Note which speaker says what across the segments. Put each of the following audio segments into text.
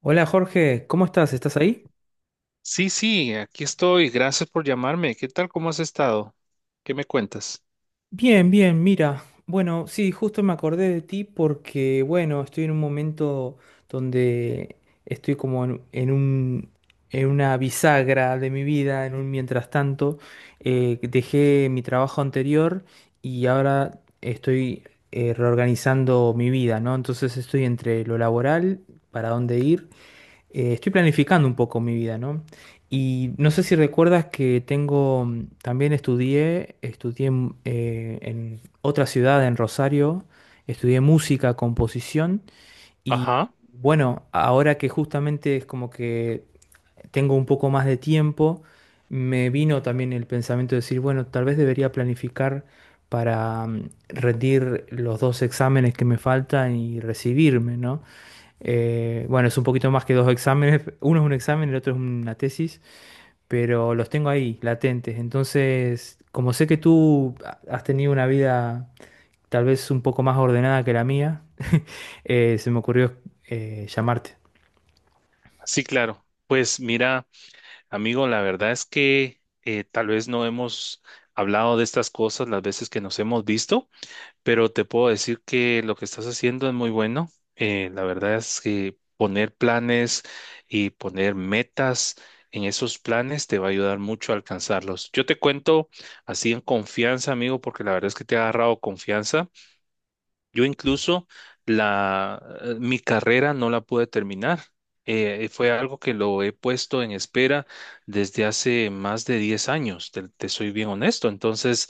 Speaker 1: Hola Jorge, ¿cómo estás? ¿Estás ahí?
Speaker 2: Sí, sí, aquí estoy. Gracias por llamarme. ¿Qué tal? ¿Cómo has estado? ¿Qué me cuentas?
Speaker 1: Bien, bien, mira. Bueno, sí, justo me acordé de ti porque, bueno, estoy en un momento donde estoy como en una bisagra de mi vida, en un mientras tanto. Dejé mi trabajo anterior y ahora estoy reorganizando mi vida, ¿no? Entonces estoy entre lo laboral, para dónde ir, estoy planificando un poco mi vida, ¿no? Y no sé si recuerdas que tengo, también estudié, en otra ciudad, en Rosario, estudié música, composición, y
Speaker 2: Ajá.
Speaker 1: bueno, ahora que justamente es como que tengo un poco más de tiempo, me vino también el pensamiento de decir, bueno, tal vez debería planificar para, rendir los dos exámenes que me faltan y recibirme, ¿no? Bueno, es un poquito más que dos exámenes, uno es un examen, el otro es una tesis, pero los tengo ahí, latentes. Entonces, como sé que tú has tenido una vida tal vez un poco más ordenada que la mía, se me ocurrió llamarte.
Speaker 2: Sí, claro. Pues mira, amigo, la verdad es que tal vez no hemos hablado de estas cosas las veces que nos hemos visto, pero te puedo decir que lo que estás haciendo es muy bueno. La verdad es que poner planes y poner metas en esos planes te va a ayudar mucho a alcanzarlos. Yo te cuento así en confianza, amigo, porque la verdad es que te ha agarrado confianza. Yo incluso mi carrera no la pude terminar. Fue algo que lo he puesto en espera desde hace más de 10 años, te soy bien honesto. Entonces,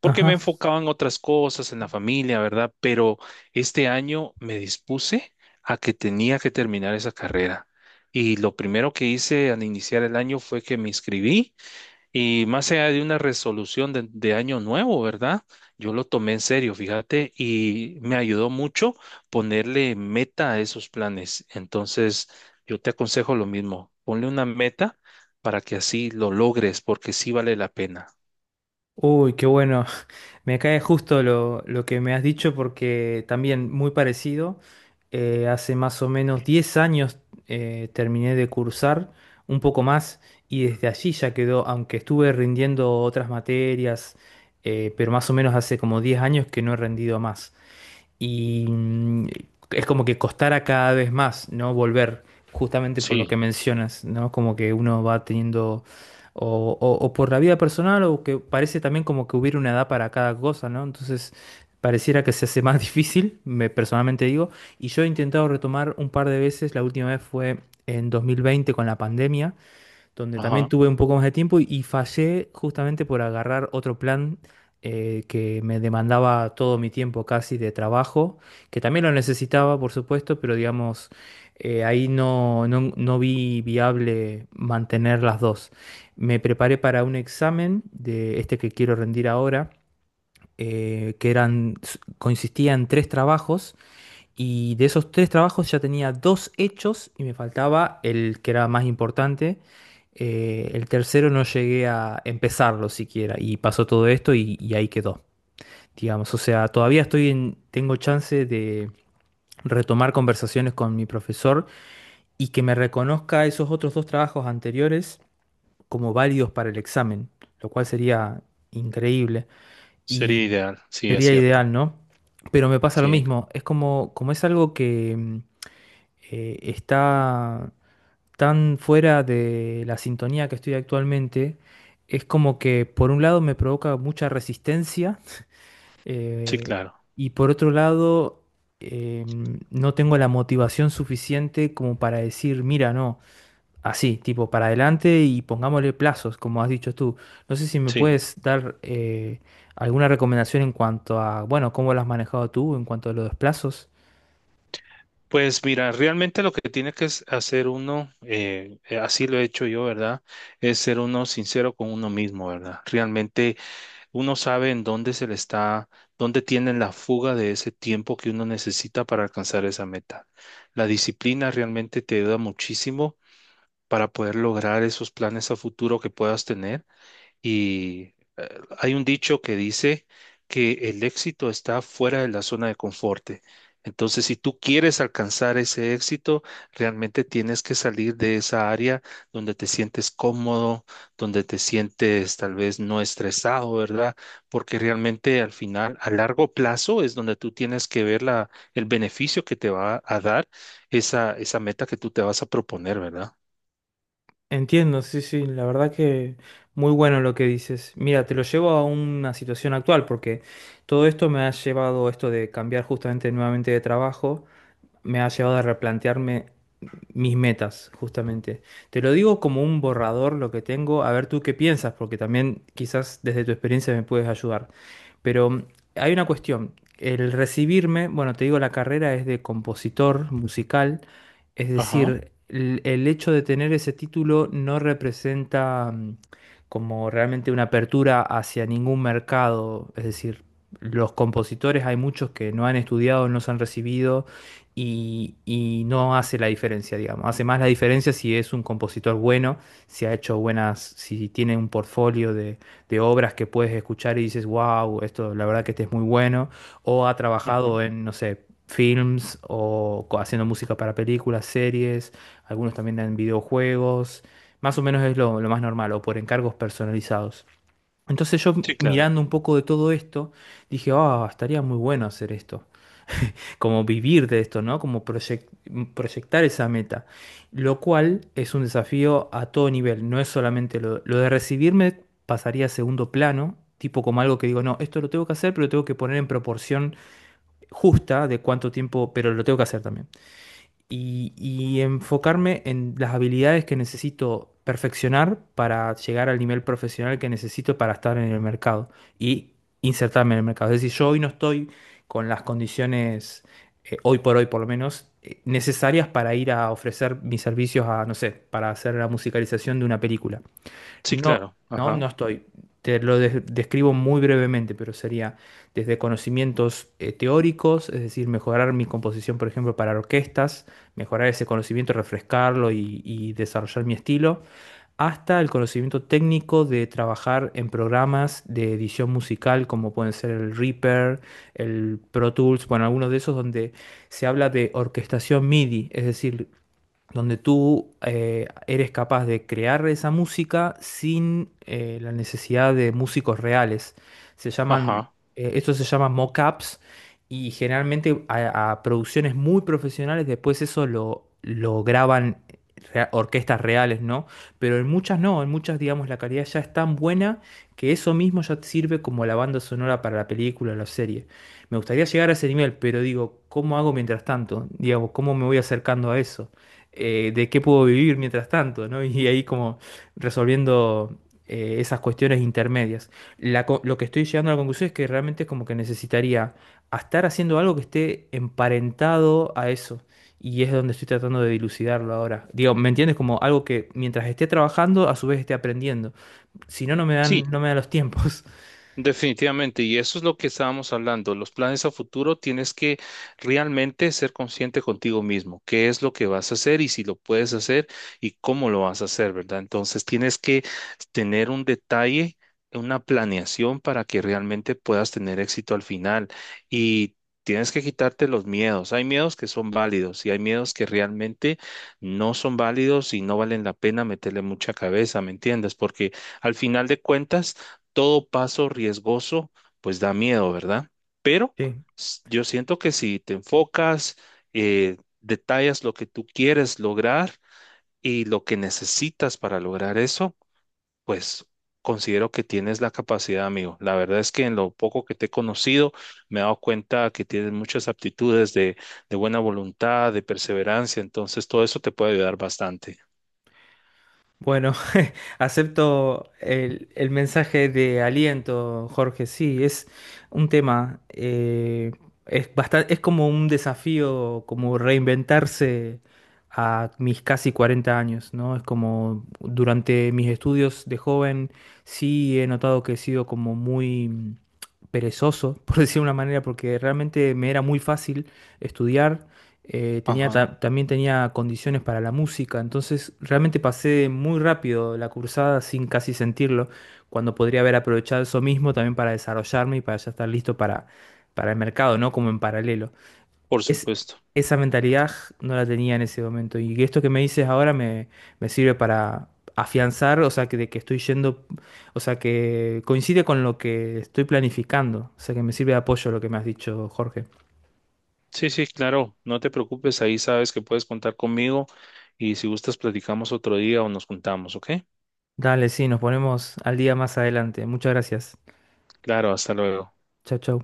Speaker 2: porque me
Speaker 1: Ajá.
Speaker 2: enfocaba en otras cosas, en la familia, ¿verdad? Pero este año me dispuse a que tenía que terminar esa carrera. Y lo primero que hice al iniciar el año fue que me inscribí y más allá de una resolución de año nuevo, ¿verdad? Yo lo tomé en serio, fíjate, y me ayudó mucho ponerle meta a esos planes. Entonces, yo te aconsejo lo mismo, ponle una meta para que así lo logres, porque sí vale la pena.
Speaker 1: Uy, qué bueno. Me cae justo lo que me has dicho porque también muy parecido. Hace más o menos 10 años, terminé de cursar, un poco más, y desde allí ya quedó, aunque estuve rindiendo otras materias, pero más o menos hace como 10 años que no he rendido más, y es como que costara cada vez más, ¿no? Volver, justamente por lo que
Speaker 2: Sí,
Speaker 1: mencionas, ¿no? Como que uno va teniendo, o por la vida personal, o que parece también como que hubiera una edad para cada cosa, ¿no? Entonces, pareciera que se hace más difícil, me personalmente digo, y yo he intentado retomar un par de veces. La última vez fue en 2020 con la pandemia, donde también
Speaker 2: ajá,
Speaker 1: tuve un poco más de tiempo, y, fallé justamente por agarrar otro plan que me demandaba todo mi tiempo casi de trabajo, que también lo necesitaba, por supuesto, pero digamos, ahí no vi viable mantener las dos. Me preparé para un examen de este que quiero rendir ahora. eh, que eran, Consistía en tres trabajos, y de esos tres trabajos ya tenía dos hechos y me faltaba el que era más importante. El tercero no llegué a empezarlo siquiera y pasó todo esto, y ahí quedó, digamos. O sea, todavía tengo chance de retomar conversaciones con mi profesor y que me reconozca esos otros dos trabajos anteriores como válidos para el examen, lo cual sería increíble
Speaker 2: sería
Speaker 1: y
Speaker 2: ideal, sí, es
Speaker 1: sería
Speaker 2: cierto,
Speaker 1: ideal, ¿no? Pero me pasa lo
Speaker 2: sí,
Speaker 1: mismo, es como es algo que está tan fuera de la sintonía que estoy actualmente. Es como que por un lado me provoca mucha resistencia,
Speaker 2: sí,
Speaker 1: eh,
Speaker 2: claro,
Speaker 1: y por otro lado eh, no tengo la motivación suficiente como para decir, mira, no, así, tipo, para adelante y pongámosle plazos, como has dicho tú. No sé si me
Speaker 2: sí.
Speaker 1: puedes dar alguna recomendación en cuanto a, bueno, cómo lo has manejado tú en cuanto a los plazos.
Speaker 2: Pues mira, realmente lo que tiene que es hacer uno, así lo he hecho yo, ¿verdad? Es ser uno sincero con uno mismo, ¿verdad? Realmente uno sabe en dónde se le está, dónde tienen la fuga de ese tiempo que uno necesita para alcanzar esa meta. La disciplina realmente te ayuda muchísimo para poder lograr esos planes a futuro que puedas tener y hay un dicho que dice que el éxito está fuera de la zona de confort. Entonces, si tú quieres alcanzar ese éxito, realmente tienes que salir de esa área donde te sientes cómodo, donde te sientes tal vez no estresado, ¿verdad? Porque realmente al final, a largo plazo, es donde tú tienes que ver la, el beneficio que te va a dar esa, esa meta que tú te vas a proponer, ¿verdad?
Speaker 1: Entiendo, sí, sí, la verdad que muy bueno lo que dices. Mira, te lo llevo a una situación actual, porque todo esto me ha llevado a esto de cambiar justamente nuevamente de trabajo, me ha llevado a replantearme mis metas, justamente. Te lo digo como un borrador lo que tengo, a ver tú qué piensas, porque también quizás desde tu experiencia me puedes ayudar. Pero hay una cuestión. El recibirme, bueno, te digo, la carrera es de compositor musical, es
Speaker 2: Ajá,
Speaker 1: decir, el hecho de tener ese título no representa, como realmente una apertura hacia ningún mercado. Es decir, los compositores, hay muchos que no han estudiado, no se han recibido, y, no hace la diferencia, digamos. Hace más la diferencia si es un compositor bueno, si ha hecho buenas, si tiene un portfolio de obras que puedes escuchar y dices, wow, esto la verdad que este es muy bueno, o ha
Speaker 2: ajá.
Speaker 1: trabajado en, no sé, films, o haciendo música para películas, series, algunos también en videojuegos. Más o menos es lo más normal, o por encargos personalizados. Entonces yo,
Speaker 2: Sí, claro.
Speaker 1: mirando un poco de todo esto, dije, ah, estaría muy bueno hacer esto, como vivir de esto, ¿no? Como proyectar esa meta, lo cual es un desafío a todo nivel, no es solamente lo de recibirme, pasaría a segundo plano, tipo como algo que digo, no, esto lo tengo que hacer, pero lo tengo que poner en proporción justa de cuánto tiempo, pero lo tengo que hacer también, y, enfocarme en las habilidades que necesito perfeccionar para llegar al nivel profesional que necesito para estar en el mercado y insertarme en el mercado. Es decir, yo hoy no estoy con las condiciones, hoy por hoy por lo menos, necesarias para ir a ofrecer mis servicios a, no sé, para hacer la musicalización de una película.
Speaker 2: Sí,
Speaker 1: No,
Speaker 2: claro.
Speaker 1: no,
Speaker 2: Ajá,
Speaker 1: no estoy. Te lo describo muy brevemente, pero sería desde conocimientos teóricos, es decir, mejorar mi composición, por ejemplo, para orquestas, mejorar ese conocimiento, refrescarlo, y desarrollar mi estilo, hasta el conocimiento técnico de trabajar en programas de edición musical, como pueden ser el Reaper, el Pro Tools, bueno, algunos de esos donde se habla de orquestación MIDI, es decir, donde tú, eres capaz de crear esa música sin, la necesidad de músicos reales. Se llaman,
Speaker 2: ajá.
Speaker 1: Esto se llama mockups, y generalmente a, producciones muy profesionales, después eso lo graban orquestas reales, ¿no? Pero en muchas no, en muchas, digamos, la calidad ya es tan buena que eso mismo ya te sirve como la banda sonora para la película o la serie. Me gustaría llegar a ese nivel, pero digo, ¿cómo hago mientras tanto? Digamos, ¿cómo me voy acercando a eso? De qué puedo vivir mientras tanto, ¿no? Y ahí como resolviendo, esas cuestiones intermedias. Lo que estoy llegando a la conclusión es que realmente es como que necesitaría a estar haciendo algo que esté emparentado a eso. Y es donde estoy tratando de dilucidarlo ahora. Digo, ¿me entiendes? Como algo que mientras esté trabajando, a su vez esté aprendiendo. Si no, no me
Speaker 2: Sí,
Speaker 1: dan, no me dan los tiempos.
Speaker 2: definitivamente. Y eso es lo que estábamos hablando. Los planes a futuro tienes que realmente ser consciente contigo mismo. ¿Qué es lo que vas a hacer y si lo puedes hacer y cómo lo vas a hacer, verdad? Entonces tienes que tener un detalle, una planeación para que realmente puedas tener éxito al final. Y tienes que quitarte los miedos. Hay miedos que son válidos y hay miedos que realmente no son válidos y no valen la pena meterle mucha cabeza, ¿me entiendes? Porque al final de cuentas todo paso riesgoso, pues da miedo, ¿verdad? Pero
Speaker 1: Sí.
Speaker 2: yo siento que si te enfocas, detallas lo que tú quieres lograr y lo que necesitas para lograr eso, pues considero que tienes la capacidad, amigo. La verdad es que en lo poco que te he conocido, me he dado cuenta que tienes muchas aptitudes de buena voluntad, de perseverancia, entonces todo eso te puede ayudar bastante.
Speaker 1: Bueno, acepto el mensaje de aliento, Jorge. Sí, es un tema, es bastante, es como un desafío, como reinventarse a mis casi 40 años, ¿no? Es como durante mis estudios de joven, sí he notado que he sido como muy, perezoso, por decir de una manera, porque realmente me era muy fácil estudiar, tenía
Speaker 2: Ajá.
Speaker 1: también tenía condiciones para la música, entonces realmente pasé muy rápido la cursada sin casi sentirlo, cuando podría haber aprovechado eso mismo también para desarrollarme y para ya estar listo para, el mercado, ¿no? Como en paralelo.
Speaker 2: Por
Speaker 1: Es,
Speaker 2: supuesto.
Speaker 1: Esa mentalidad no la tenía en ese momento, y esto que me dices ahora me sirve para afianzar, o sea, que, de que estoy yendo, o sea, que coincide con lo que estoy planificando, o sea, que me sirve de apoyo lo que me has dicho, Jorge.
Speaker 2: Sí, sí, claro, no te preocupes, ahí sabes que puedes contar conmigo y si gustas platicamos otro día o nos juntamos, ¿ok?
Speaker 1: Dale, sí, nos ponemos al día más adelante. Muchas gracias.
Speaker 2: Claro, hasta luego.
Speaker 1: Chau, chau.